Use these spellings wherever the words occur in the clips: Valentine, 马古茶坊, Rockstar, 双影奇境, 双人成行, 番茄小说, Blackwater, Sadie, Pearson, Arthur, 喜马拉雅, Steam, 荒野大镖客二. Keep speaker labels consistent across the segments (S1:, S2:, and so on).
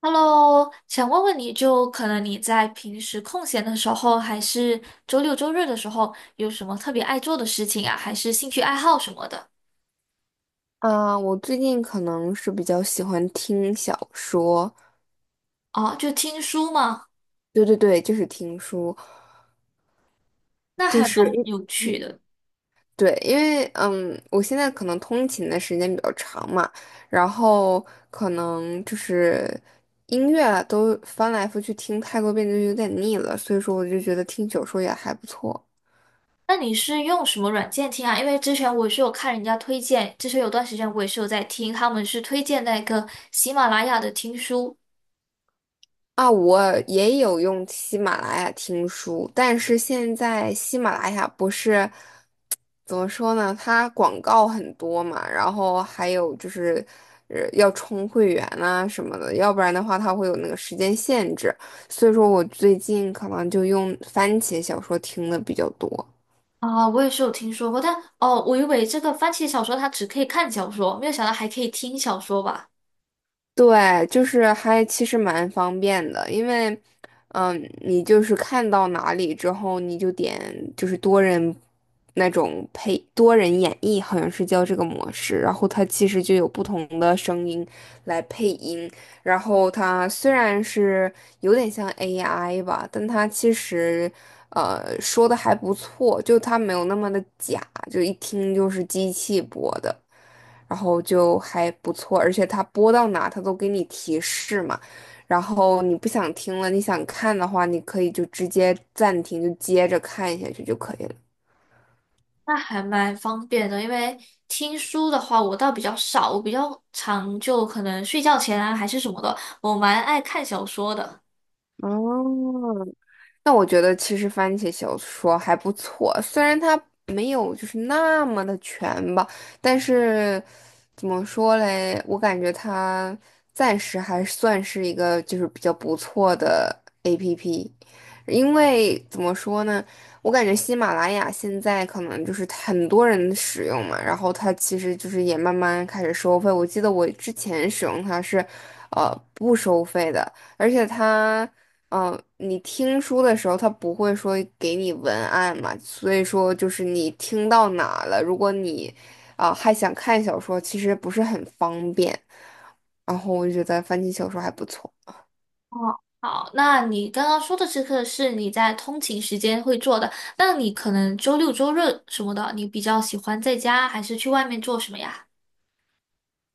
S1: Hello，想问问你就可能你在平时空闲的时候，还是周六周日的时候，有什么特别爱做的事情啊，还是兴趣爱好什么的？
S2: 啊，我最近可能是比较喜欢听小说，
S1: 哦，就听书吗？
S2: 对对对，就是听书，
S1: 那
S2: 就
S1: 还蛮
S2: 是因
S1: 有趣的。
S2: 对，因为我现在可能通勤的时间比较长嘛，然后可能就是音乐啊都翻来覆去听太多遍就有点腻了，所以说我就觉得听小说也还不错。
S1: 那你是用什么软件听啊？因为之前我是有看人家推荐，之前有段时间我也是有在听，他们是推荐那个喜马拉雅的听书
S2: 啊，我也有用喜马拉雅听书，但是现在喜马拉雅不是。怎么说呢？它广告很多嘛，然后还有就是，要充会员啊什么的，要不然的话它会有那个时间限制。所以说我最近可能就用番茄小说听的比较多。
S1: 啊，我也是有听说过，但哦，我以为这个番茄小说它只可以看小说，没有想到还可以听小说吧。
S2: 对，就是还其实蛮方便的，因为，你就是看到哪里之后，你就点就是多人那种配多人演绎，好像是叫这个模式，然后它其实就有不同的声音来配音，然后它虽然是有点像 AI 吧，但它其实说的还不错，就它没有那么的假，就一听就是机器播的。然后就还不错，而且它播到哪它都给你提示嘛。然后你不想听了，你想看的话，你可以就直接暂停，就接着看下去就可以了。
S1: 那还蛮方便的，因为听书的话，我倒比较少，我比较常就可能睡觉前啊，还是什么的，我蛮爱看小说的。
S2: 哦，那我觉得其实番茄小说还不错，虽然它没有就是那么的全吧，但是怎么说嘞，我感觉它暂时还算是一个就是比较不错的 APP,因为怎么说呢，我感觉喜马拉雅现在可能就是很多人使用嘛，然后它其实就是也慢慢开始收费，我记得我之前使用它是，不收费的。而且它你听书的时候，他不会说给你文案嘛，所以说就是你听到哪了，如果你啊、还想看小说，其实不是很方便。然后我就觉得番茄小说还不错。
S1: 哦，好，那你刚刚说的这个是你在通勤时间会做的，那你可能周六周日什么的，你比较喜欢在家还是去外面做什么呀？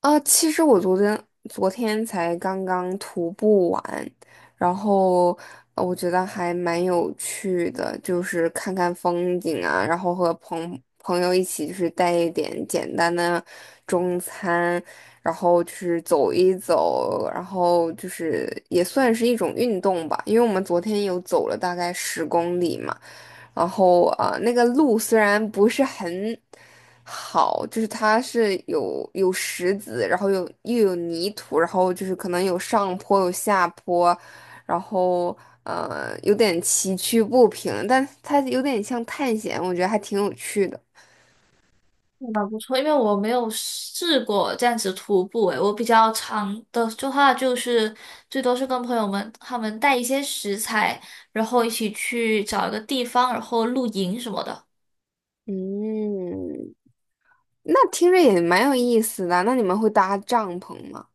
S2: 啊，其实我昨天才刚刚徒步完，然后我觉得还蛮有趣的，就是看看风景啊，然后和朋友一起就是带一点简单的中餐，然后就是走一走，然后就是也算是一种运动吧，因为我们昨天有走了大概十公里嘛。然后啊、那个路虽然不是很好，就是它是有石子，然后又有泥土，然后就是可能有上坡有下坡，然后有点崎岖不平，但它有点像探险，我觉得还挺有趣的。
S1: 蛮不错，因为我没有试过这样子徒步，诶，我比较长的话就是最多是跟朋友们他们带一些食材，然后一起去找一个地方，然后露营什么的。
S2: 嗯，那听着也蛮有意思的。那你们会搭帐篷吗？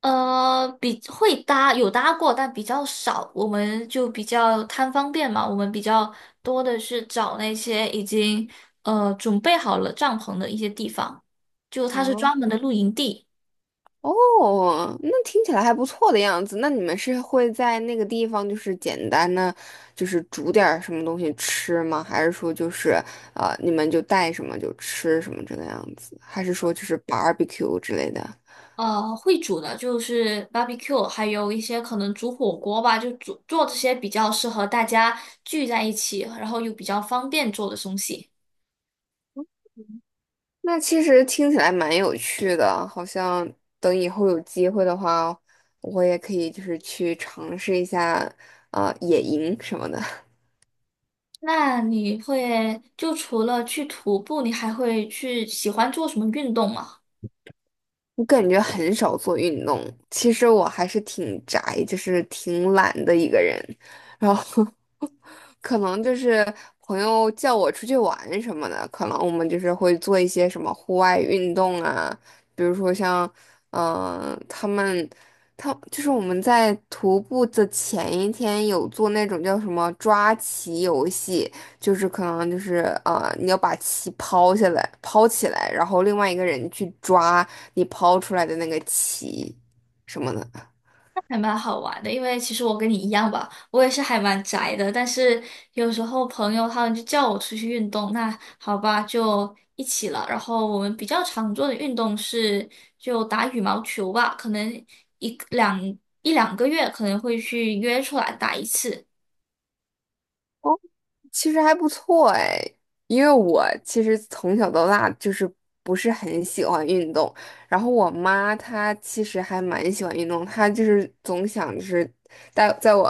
S1: 比会搭有搭过，但比较少。我们就比较贪方便嘛，我们比较多的是找那些已经准备好了帐篷的一些地方，就它是
S2: 哦
S1: 专门的露营地。
S2: 哦,那听起来还不错的样子。那你们是会在那个地方，就是简单的，就是煮点儿什么东西吃吗？还是说就是，你们就带什么就吃什么这个样子？还是说就是 barbecue 之类的？
S1: 会煮的就是 barbecue，还有一些可能煮火锅吧，就煮做这些比较适合大家聚在一起，然后又比较方便做的东西。
S2: 那其实听起来蛮有趣的，好像等以后有机会的话，我也可以就是去尝试一下，野营什么的。
S1: 那你会，就除了去徒步，你还会去喜欢做什么运动吗？
S2: 我感觉很少做运动，其实我还是挺宅，就是挺懒的一个人。然后 可能就是朋友叫我出去玩什么的，可能我们就是会做一些什么户外运动啊，比如说像，嗯、他们，他就是我们在徒步的前一天有做那种叫什么抓棋游戏，就是可能就是啊，你要把棋抛下来，抛起来，然后另外一个人去抓你抛出来的那个棋什么的。
S1: 还蛮好玩的，因为其实我跟你一样吧，我也是还蛮宅的，但是有时候朋友他们就叫我出去运动，那好吧，就一起了。然后我们比较常做的运动是就打羽毛球吧，可能一两一两个月可能会去约出来打一次，
S2: 其实还不错哎，因为我其实从小到大就是不是很喜欢运动，然后我妈她其实还蛮喜欢运动，她就是总想就是带在我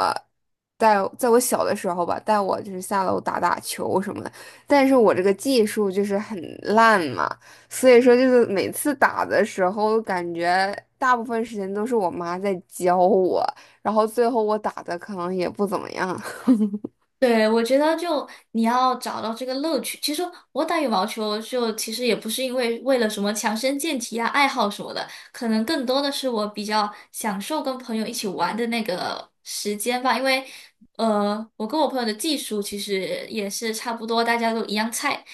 S2: 带在我小的时候吧，带我就是下楼打打球什么的，但是我这个技术就是很烂嘛，所以说就是每次打的时候，感觉大部分时间都是我妈在教我，然后最后我打的可能也不怎么样。
S1: 对，我觉得就你要找到这个乐趣。其实我打羽毛球就其实也不是因为为了什么强身健体啊、爱好什么的，可能更多的是我比较享受跟朋友一起玩的那个时间吧。因为我跟我朋友的技术其实也是差不多，大家都一样菜，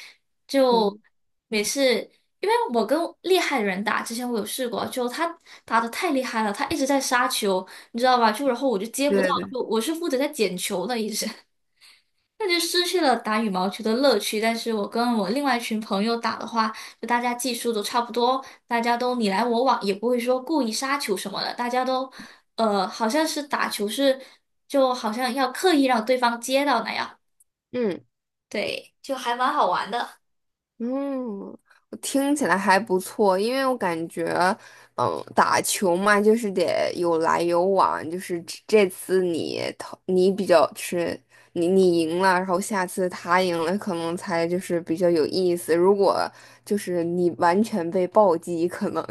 S1: 就
S2: 嗯，
S1: 每次因为我跟厉害的人打，之前我有试过，就他打的太厉害了，他一直在杀球，你知道吧？就然后我就接不到，
S2: 对对
S1: 就我是负责在捡球的一直。那就失去了打羽毛球的乐趣。但是我跟我另外一群朋友打的话，就大家技术都差不多，大家都你来我往，也不会说故意杀球什么的，大家都好像是打球是就好像要刻意让对方接到那样，
S2: 嗯
S1: 对，就还蛮好玩的。
S2: 嗯，我听起来还不错，因为我感觉，嗯，打球嘛，就是得有来有往，就是这次你投你比较是你你赢了，然后下次他赢了，可能才就是比较有意思。如果就是你完全被暴击，可能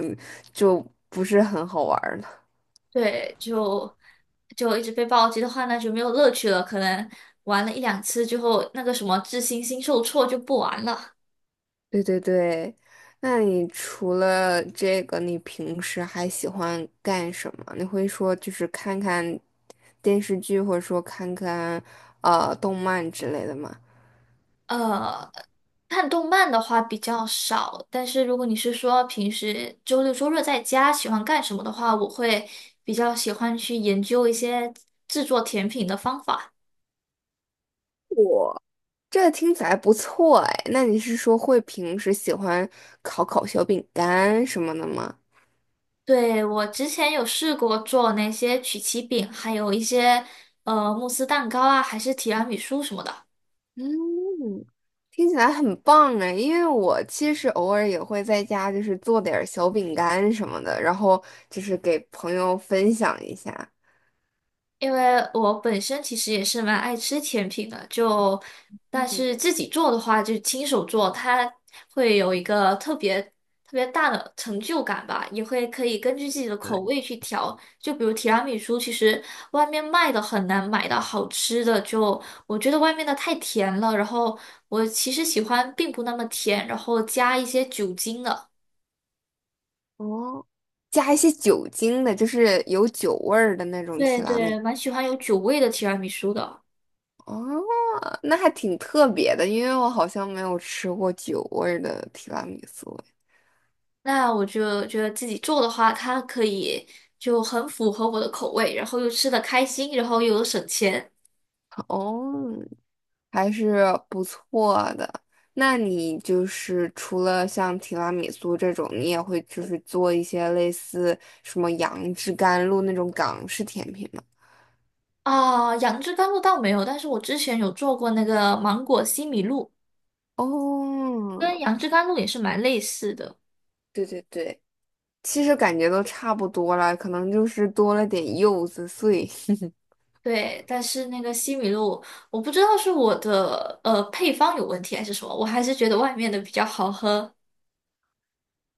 S2: 就不是很好玩儿了。
S1: 对，就一直被暴击的话，那就没有乐趣了。可能玩了一两次之后，那个什么智星星受挫就不玩了。
S2: 对对对，那你除了这个，你平时还喜欢干什么？你会说就是看看电视剧，或者说看看动漫之类的吗？
S1: 呃，看动漫的话比较少，但是如果你是说平时周六周日在家喜欢干什么的话，我会比较喜欢去研究一些制作甜品的方法。
S2: 这听起来不错哎，那你是说会平时喜欢烤烤小饼干什么的吗？
S1: 对，我之前有试过做那些曲奇饼，还有一些慕斯蛋糕啊，还是提拉米苏什么的。
S2: 嗯，听起来很棒哎，因为我其实偶尔也会在家就是做点儿小饼干什么的，然后就是给朋友分享一下。
S1: 因为我本身其实也是蛮爱吃甜品的，就但是
S2: 嗯。
S1: 自己做的话，就亲手做，它会有一个特别大的成就感吧，也会可以根据自己的口味去调。就比如提拉米苏，其实外面卖的很难买到好吃的，就我觉得外面的太甜了，然后我其实喜欢并不那么甜，然后加一些酒精的。
S2: 哦，加一些酒精的，就是有酒味儿的那种
S1: 对
S2: 提拉米。
S1: 对，蛮喜欢有酒味的提拉米苏的。
S2: 哦，那还挺特别的，因为我好像没有吃过酒味儿的提拉米苏。
S1: 那我就觉得自己做的话，它可以就很符合我的口味，然后又吃的开心，然后又有省钱
S2: 哦，还是不错的。那你就是除了像提拉米苏这种，你也会就是做一些类似什么杨枝甘露那种港式甜品吗？
S1: 啊。杨枝甘露倒没有，但是我之前有做过那个芒果西米露，
S2: 哦，
S1: 跟杨枝甘露也是蛮类似的。
S2: 对对对，其实感觉都差不多了，可能就是多了点柚子碎。
S1: 对，但是那个西米露，我不知道是我的配方有问题还是什么，我还是觉得外面的比较好喝。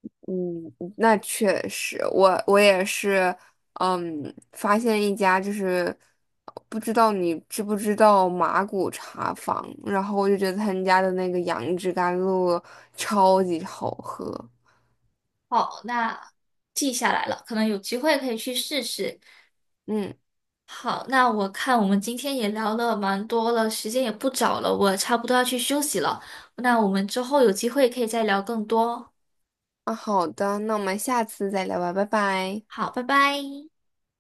S2: 嗯，嗯那确实，我也是，嗯，发现一家就是不知道你知不知道马古茶坊，然后我就觉得他们家的那个杨枝甘露超级好喝。
S1: 好，那记下来了，可能有机会可以去试试。
S2: 嗯，
S1: 好，那我看我们今天也聊了蛮多了，时间也不早了，我差不多要去休息了。那我们之后有机会可以再聊更多。
S2: 那好的，那我们下次再聊吧，拜拜。
S1: 好，拜拜。